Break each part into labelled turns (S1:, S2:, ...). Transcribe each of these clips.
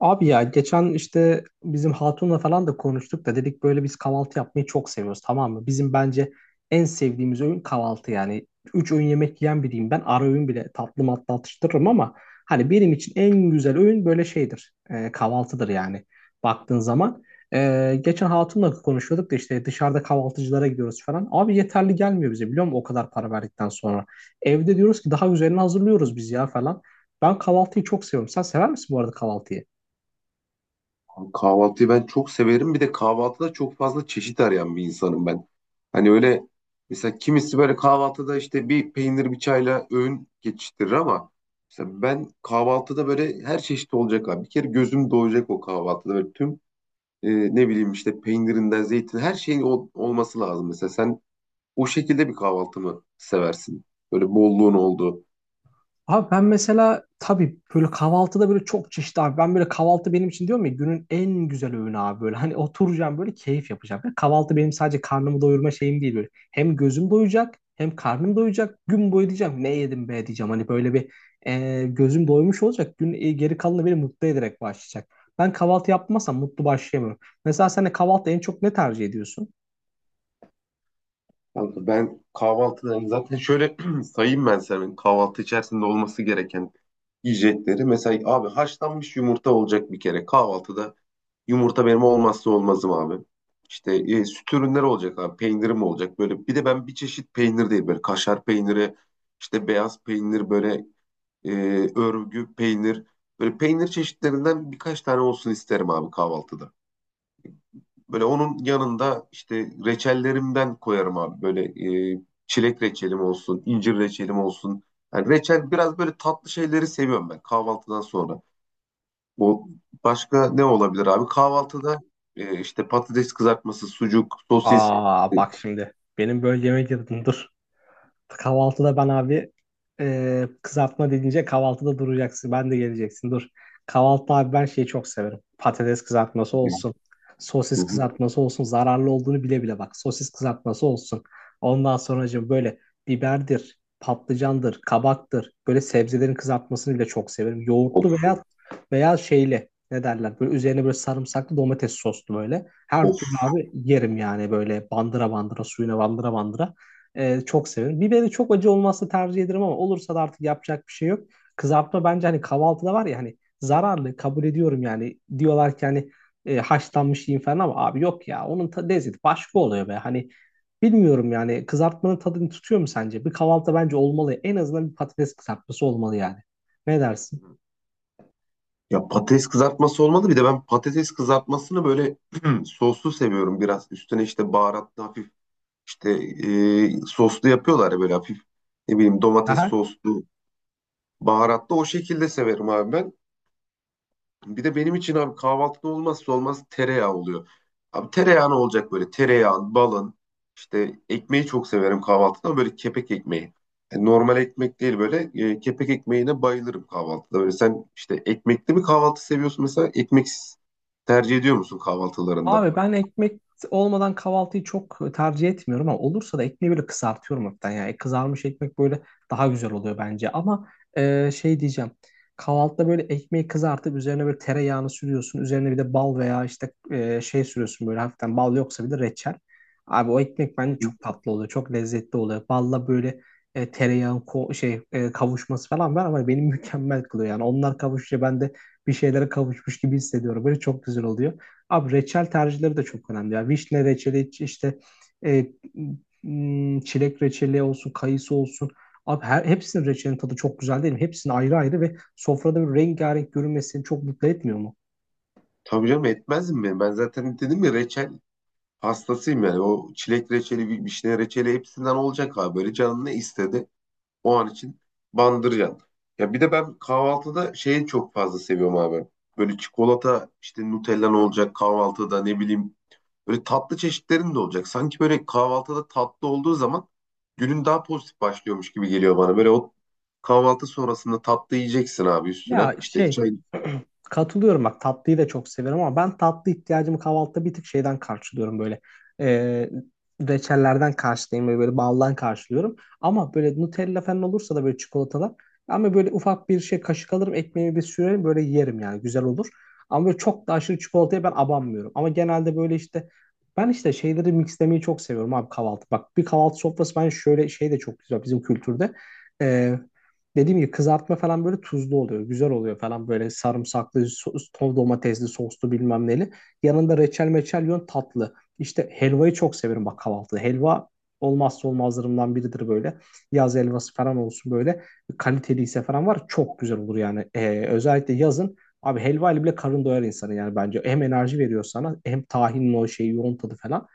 S1: Abi ya geçen işte bizim hatunla falan da konuştuk da dedik böyle biz kahvaltı yapmayı çok seviyoruz, tamam mı? Bizim bence en sevdiğimiz öğün kahvaltı yani. Üç öğün yemek yiyen biriyim ben, ara öğün bile tatlı matlı atıştırırım ama hani benim için en güzel öğün böyle şeydir, kahvaltıdır yani baktığın zaman. Geçen hatunla konuşuyorduk da işte dışarıda kahvaltıcılara gidiyoruz falan. Abi yeterli gelmiyor bize, biliyor musun, o kadar para verdikten sonra. Evde diyoruz ki daha üzerine hazırlıyoruz biz ya falan. Ben kahvaltıyı çok seviyorum. Sen sever misin bu arada kahvaltıyı?
S2: Abi kahvaltıyı ben çok severim. Bir de kahvaltıda çok fazla çeşit arayan bir insanım ben. Hani öyle, mesela kimisi böyle kahvaltıda işte bir peynir bir çayla öğün geçiştirir ama mesela ben kahvaltıda böyle her çeşit olacak abi. Bir kere gözüm doyacak o kahvaltıda. Böyle tüm e, ne bileyim işte peynirinden zeytin her şeyin olması lazım. Mesela sen o şekilde bir kahvaltı mı seversin? Böyle bolluğun olduğu.
S1: Abi ben mesela tabii böyle kahvaltıda böyle çok çeşitli abi. Ben böyle kahvaltı benim için, diyorum ya, günün en güzel öğünü abi böyle. Hani oturacağım böyle, keyif yapacağım. Yani kahvaltı benim sadece karnımı doyurma şeyim değil böyle. Hem gözüm doyacak hem karnım doyacak. Gün boyu diyeceğim ne yedim be diyeceğim. Hani böyle bir gözüm doymuş olacak. Gün geri kalanı beni mutlu ederek başlayacak. Ben kahvaltı yapmazsam mutlu başlayamıyorum. Mesela sen de kahvaltı en çok ne tercih ediyorsun?
S2: Kanka, ben kahvaltıda zaten şöyle sayayım ben senin kahvaltı içerisinde olması gereken yiyecekleri. Mesela abi haşlanmış yumurta olacak bir kere. Kahvaltıda yumurta benim olmazsa olmazım abi. İşte süt ürünleri olacak abi. Peynirim olacak böyle. Bir de ben bir çeşit peynir değil, böyle kaşar peyniri, işte beyaz peynir, böyle e, örgü peynir. Böyle peynir çeşitlerinden birkaç tane olsun isterim abi kahvaltıda. Böyle onun yanında işte reçellerimden koyarım abi. Böyle e, çilek reçelim olsun, incir reçelim olsun. Yani reçel, biraz böyle tatlı şeyleri seviyorum ben kahvaltıdan sonra. Bu başka ne olabilir abi? Kahvaltıda işte patates kızartması, sucuk, sosis.
S1: Aa
S2: E,
S1: bak, şimdi benim böyle yemek yedim, dur. Kahvaltıda ben abi kızartma deyince kahvaltıda duracaksın. Ben de geleceksin. Dur. Kahvaltı abi ben şeyi çok severim. Patates kızartması
S2: yani,
S1: olsun.
S2: hı
S1: Sosis
S2: hı.
S1: kızartması olsun. Zararlı olduğunu bile bile bak. Sosis kızartması olsun. Ondan sonracığım böyle biberdir, patlıcandır, kabaktır. Böyle sebzelerin kızartmasını bile çok severim.
S2: Of,
S1: Yoğurtlu veya şeyli. Ne derler? Böyle üzerine böyle sarımsaklı domates soslu böyle. Her
S2: of.
S1: türlü abi yerim yani böyle bandıra bandıra, suyuna bandıra bandıra. Çok severim. Biberi çok acı olması tercih ederim ama olursa da artık yapacak bir şey yok. Kızartma bence hani kahvaltıda var ya, hani zararlı kabul ediyorum yani. Diyorlar ki hani haşlanmış yiyin falan ama abi yok ya, onun lezzeti başka oluyor be. Hani bilmiyorum yani, kızartmanın tadını tutuyor mu sence? Bir kahvaltıda bence olmalı. En azından bir patates kızartması olmalı yani. Ne dersin?
S2: Ya patates kızartması olmadı. Bir de ben patates kızartmasını böyle soslu seviyorum biraz. Üstüne işte baharatlı hafif, işte soslu yapıyorlar ya böyle hafif, ne bileyim, domates
S1: Aha.
S2: soslu, baharatlı, o şekilde severim abi ben. Bir de benim için abi kahvaltıda olmazsa olmaz tereyağı oluyor. Abi tereyağı ne olacak böyle? Tereyağın, balın, işte ekmeği çok severim kahvaltıda ama böyle kepek ekmeği. Yani normal ekmek değil, böyle kepek ekmeğine bayılırım kahvaltıda. Böyle sen işte ekmekli mi kahvaltı seviyorsun, mesela ekmeksiz tercih ediyor musun kahvaltılarında?
S1: Abi ben ekmek olmadan kahvaltıyı çok tercih etmiyorum ama olursa da ekmeği böyle kızartıyorum hafiften. Yani kızarmış ekmek böyle daha güzel oluyor bence. Ama şey diyeceğim. Kahvaltıda böyle ekmeği kızartıp üzerine böyle tereyağını sürüyorsun. Üzerine bir de bal veya işte şey sürüyorsun böyle hafiften, bal yoksa bir de reçel. Abi o ekmek bence çok tatlı oluyor. Çok lezzetli oluyor. Balla böyle tereyağın kavuşması falan var ama beni mükemmel kılıyor. Yani onlar kavuşunca ben de bir şeylere kavuşmuş gibi hissediyorum. Böyle çok güzel oluyor. Abi reçel tercihleri de çok önemli. Ya vişne reçeli, işte e, çilek reçeli olsun, kayısı olsun. Abi her, hepsinin reçelinin tadı çok güzel değil mi? Hepsinin ayrı ayrı ve sofrada bir rengarenk görünmesi çok mutlu etmiyor mu?
S2: Tabii canım, etmez mi? Ben zaten dedim ya, reçel hastasıyım yani. O çilek reçeli, vişne reçeli, hepsinden olacak abi. Böyle canın ne istedi? O an için bandırcan. Ya bir de ben kahvaltıda şeyi çok fazla seviyorum abi. Böyle çikolata, işte Nutella'n olacak kahvaltıda, ne bileyim. Böyle tatlı çeşitlerin de olacak. Sanki böyle kahvaltıda tatlı olduğu zaman günün daha pozitif başlıyormuş gibi geliyor bana. Böyle o kahvaltı sonrasında tatlı yiyeceksin abi
S1: Ya
S2: üstüne. İşte
S1: şey,
S2: çay.
S1: katılıyorum bak, tatlıyı da çok severim ama ben tatlı ihtiyacımı kahvaltıda bir tık şeyden karşılıyorum böyle. Ee, reçellerden karşılayayım böyle, böyle baldan karşılıyorum. Ama böyle Nutella falan olursa da böyle çikolatalar, ama böyle ufak bir şey kaşık alırım, ekmeğimi bir sürerim böyle, yerim yani, güzel olur. Ama böyle çok da aşırı çikolataya ben abanmıyorum. Ama genelde böyle işte, ben işte şeyleri mixlemeyi çok seviyorum abi kahvaltı. Bak, bir kahvaltı sofrası, ben şöyle şey de çok güzel bizim kültürde, dediğim gibi kızartma falan böyle tuzlu oluyor. Güzel oluyor falan böyle sarımsaklı, sos, domatesli, soslu bilmem neli. Yanında reçel meçel yiyorsun tatlı. İşte helvayı çok severim bak kahvaltıda. Helva olmazsa olmazlarımdan biridir böyle. Yaz helvası falan olsun böyle. Kaliteliyse falan var. Çok güzel olur yani. Özellikle yazın. Abi helva ile bile karın doyar insanı yani bence. Hem enerji veriyor sana hem tahinin o şeyi, yoğun tadı falan.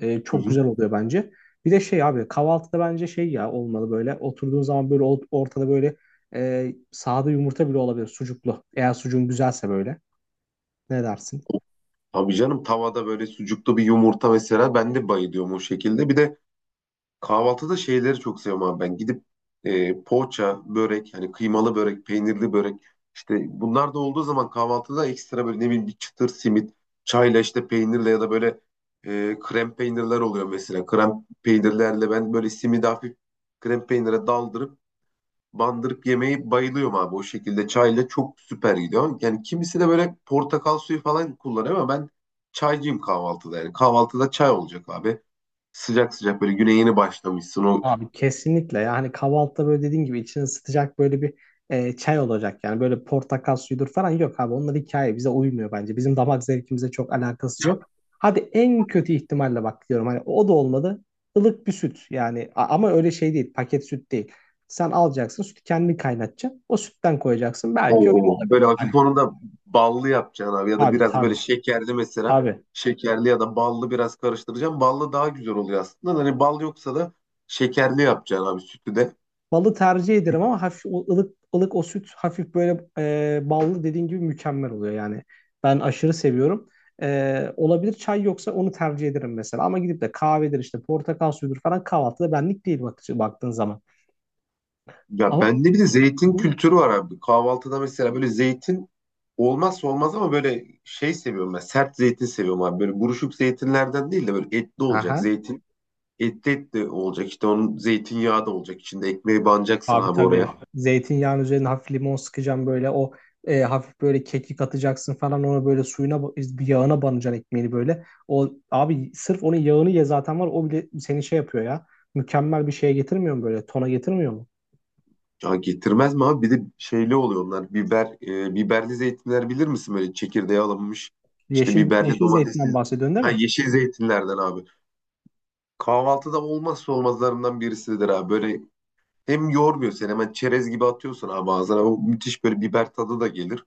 S2: Hı
S1: Çok
S2: hı.
S1: güzel oluyor bence. Bir de şey abi, kahvaltıda bence şey ya olmalı, böyle oturduğun zaman böyle ortada böyle sade yumurta bile olabilir sucuklu. Eğer sucuğun güzelse böyle. Ne dersin?
S2: Tabii canım, tavada böyle sucuklu bir yumurta, mesela ben de bayılıyorum o şekilde. Bir de kahvaltıda şeyleri çok seviyorum abi ben. Gidip poğaça, börek, hani kıymalı börek, peynirli börek, işte bunlar da olduğu zaman kahvaltıda ekstra böyle, ne bileyim, bir çıtır simit, çayla işte peynirle, ya da böyle krem peynirler oluyor mesela. Krem peynirlerle ben böyle simidi hafif krem peynire daldırıp bandırıp yemeyi bayılıyorum abi. O şekilde çayla çok süper gidiyor. Yani kimisi de böyle portakal suyu falan kullanıyor ama ben çaycıyım kahvaltıda. Yani kahvaltıda çay olacak abi, sıcak sıcak, böyle güne yeni başlamışsın. O,
S1: Abi kesinlikle, yani kahvaltıda böyle dediğin gibi içini ısıtacak böyle bir çay olacak yani, böyle portakal suyudur falan, yok abi, onlar hikaye, bize uymuyor bence, bizim damak zevkimize çok alakası yok. Hadi en kötü ihtimalle bak diyorum, hani o da olmadı ılık bir süt yani. Ama öyle şey değil, paket süt değil. Sen alacaksın sütü, kendin kaynatacaksın, o sütten koyacaksın, belki öyle
S2: oo, böyle
S1: olabilir. Hani
S2: hafif, onu da ballı yapacaksın abi ya da
S1: tabii,
S2: biraz böyle
S1: tabii,
S2: şekerli mesela.
S1: tabii.
S2: Şekerli ya da ballı biraz karıştıracaksın. Ballı daha güzel oluyor aslında. Hani bal yoksa da şekerli yapacaksın abi sütü de.
S1: Balı tercih ederim ama hafif o ılık ılık o süt hafif böyle ballı, dediğin gibi mükemmel oluyor yani. Ben aşırı seviyorum. Olabilir, çay yoksa onu tercih ederim mesela. Ama gidip de kahvedir işte portakal suyudur falan, kahvaltıda benlik değil bak, baktığın zaman.
S2: Ya
S1: Ama
S2: bende bir de zeytin
S1: bu...
S2: kültürü var abi. Kahvaltıda mesela böyle zeytin olmazsa olmaz ama böyle şey seviyorum ben. Sert zeytin seviyorum abi. Böyle buruşuk zeytinlerden değil de böyle etli olacak
S1: Aha.
S2: zeytin. Etli etli olacak, işte onun zeytinyağı da olacak içinde, ekmeği banacaksın
S1: Abi
S2: abi
S1: tabii.
S2: oraya.
S1: Zeytinyağın üzerine hafif limon sıkacağım, böyle o hafif böyle kekik atacaksın falan ona, böyle suyuna bir yağına banacaksın ekmeğini böyle. O abi sırf onun yağını ye zaten, var o bile seni şey yapıyor ya. Mükemmel bir şeye getirmiyor mu böyle? Tona getirmiyor mu?
S2: Ya getirmez mi abi? Bir de şeyli oluyor onlar. Biber, biberli zeytinler, bilir misin, böyle çekirdeği alınmış. İşte
S1: Yeşil
S2: biberli,
S1: yeşil
S2: domatesli,
S1: zeytinden bahsediyorsun değil
S2: ha,
S1: mi?
S2: yeşil zeytinlerden abi. Kahvaltıda olmazsa olmazlarından birisidir abi. Böyle hem yormuyor seni, hemen çerez gibi atıyorsun abi ağzına. O müthiş böyle biber tadı da gelir.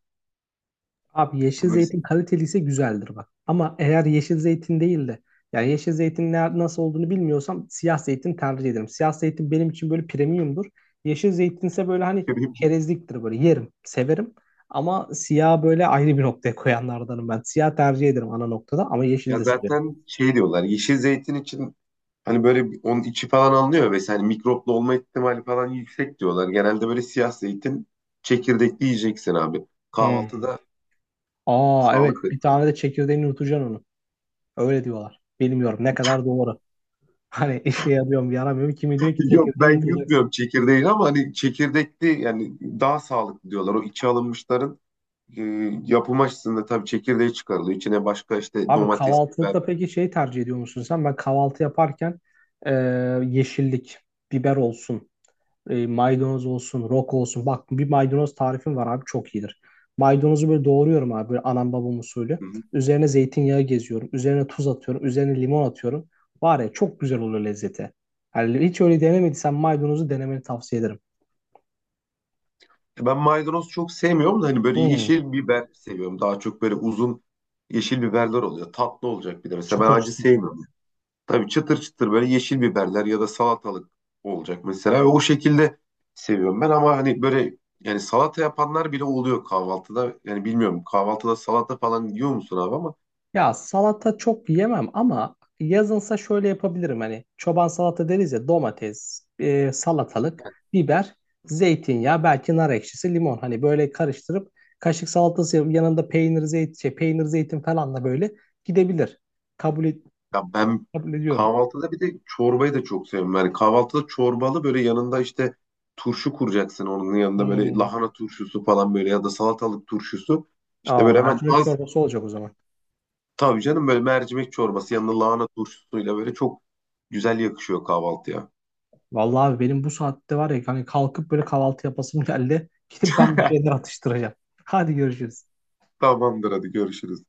S1: Abi yeşil
S2: Böyle
S1: zeytin kaliteliyse güzeldir bak. Ama eğer yeşil zeytin değil de, yani yeşil zeytin ne, nasıl olduğunu bilmiyorsam siyah zeytin tercih ederim. Siyah zeytin benim için böyle premiumdur. Yeşil zeytin ise böyle hani çerezliktir, böyle yerim, severim. Ama siyah böyle ayrı bir noktaya koyanlardanım ben. Siyah tercih ederim ana noktada ama yeşil
S2: ya
S1: de severim.
S2: zaten şey diyorlar yeşil zeytin için. Hani böyle onun içi falan alınıyor ve hani mikroplu olma ihtimali falan yüksek diyorlar. Genelde böyle siyah zeytin çekirdekli yiyeceksin abi.
S1: Hmm.
S2: Kahvaltıda
S1: Aa evet,
S2: sağlıklı.
S1: bir tane de çekirdeğini yutacaksın onu. Öyle diyorlar. Bilmiyorum ne kadar doğru. Hani işe yarıyor mu yaramıyor mu? Kimi diyor ki
S2: Yok,
S1: çekirdeğini
S2: ben
S1: yutacaksın.
S2: yutmuyorum çekirdeğini ama hani çekirdekli yani daha sağlıklı diyorlar. O içi alınmışların e, yapım açısından tabii çekirdeği çıkarılıyor. İçine başka işte
S1: Abi
S2: domates, biber.
S1: kahvaltılıkta peki şey tercih ediyor musun sen? Ben kahvaltı yaparken e, yeşillik, biber olsun, maydanoz olsun, roka olsun. Bak bir maydanoz tarifim var abi, çok iyidir. Maydanozu böyle doğruyorum abi böyle anam babam
S2: Hı
S1: usulü.
S2: hı.
S1: Üzerine zeytinyağı geziyorum. Üzerine tuz atıyorum. Üzerine limon atıyorum. Var ya, çok güzel oluyor lezzeti. Yani hiç öyle denemediysen maydanozu denemeni tavsiye ederim.
S2: Ben maydanoz çok sevmiyorum da hani böyle
S1: Hmm,
S2: yeşil biber seviyorum. Daha çok böyle uzun yeşil biberler oluyor. Tatlı olacak bir de. Mesela ben
S1: çıtır
S2: acı
S1: çıtır.
S2: sevmiyorum. Tabii çıtır çıtır böyle yeşil biberler ya da salatalık olacak mesela. Ve o şekilde seviyorum ben ama hani böyle, yani salata yapanlar bile oluyor kahvaltıda. Yani bilmiyorum, kahvaltıda salata falan yiyor musun abi ama
S1: Ya salata çok yemem ama yazınsa şöyle yapabilirim, hani çoban salata deriz ya: domates, salatalık, biber, zeytinyağı, belki nar ekşisi, limon, hani böyle karıştırıp kaşık salatası yanında peynir zeytin şey, peynir zeytin falan da böyle gidebilir. Kabul,
S2: ya ben
S1: kabul ediyorum.
S2: kahvaltıda bir de çorbayı da çok seviyorum. Yani kahvaltıda çorbalı, böyle yanında işte turşu kuracaksın onun yanında, böyle
S1: Hmm.
S2: lahana turşusu falan, böyle ya da salatalık turşusu. İşte
S1: Aa,
S2: böyle hemen
S1: mercimek
S2: az,
S1: çorbası olacak o zaman.
S2: tabii canım böyle mercimek çorbası yanında lahana turşusuyla böyle çok güzel yakışıyor kahvaltıya.
S1: Vallahi abi, benim bu saatte var ya, hani kalkıp böyle kahvaltı yapasım geldi. Gidip ben bir şeyler atıştıracağım. Hadi görüşürüz.
S2: Tamamdır, hadi görüşürüz.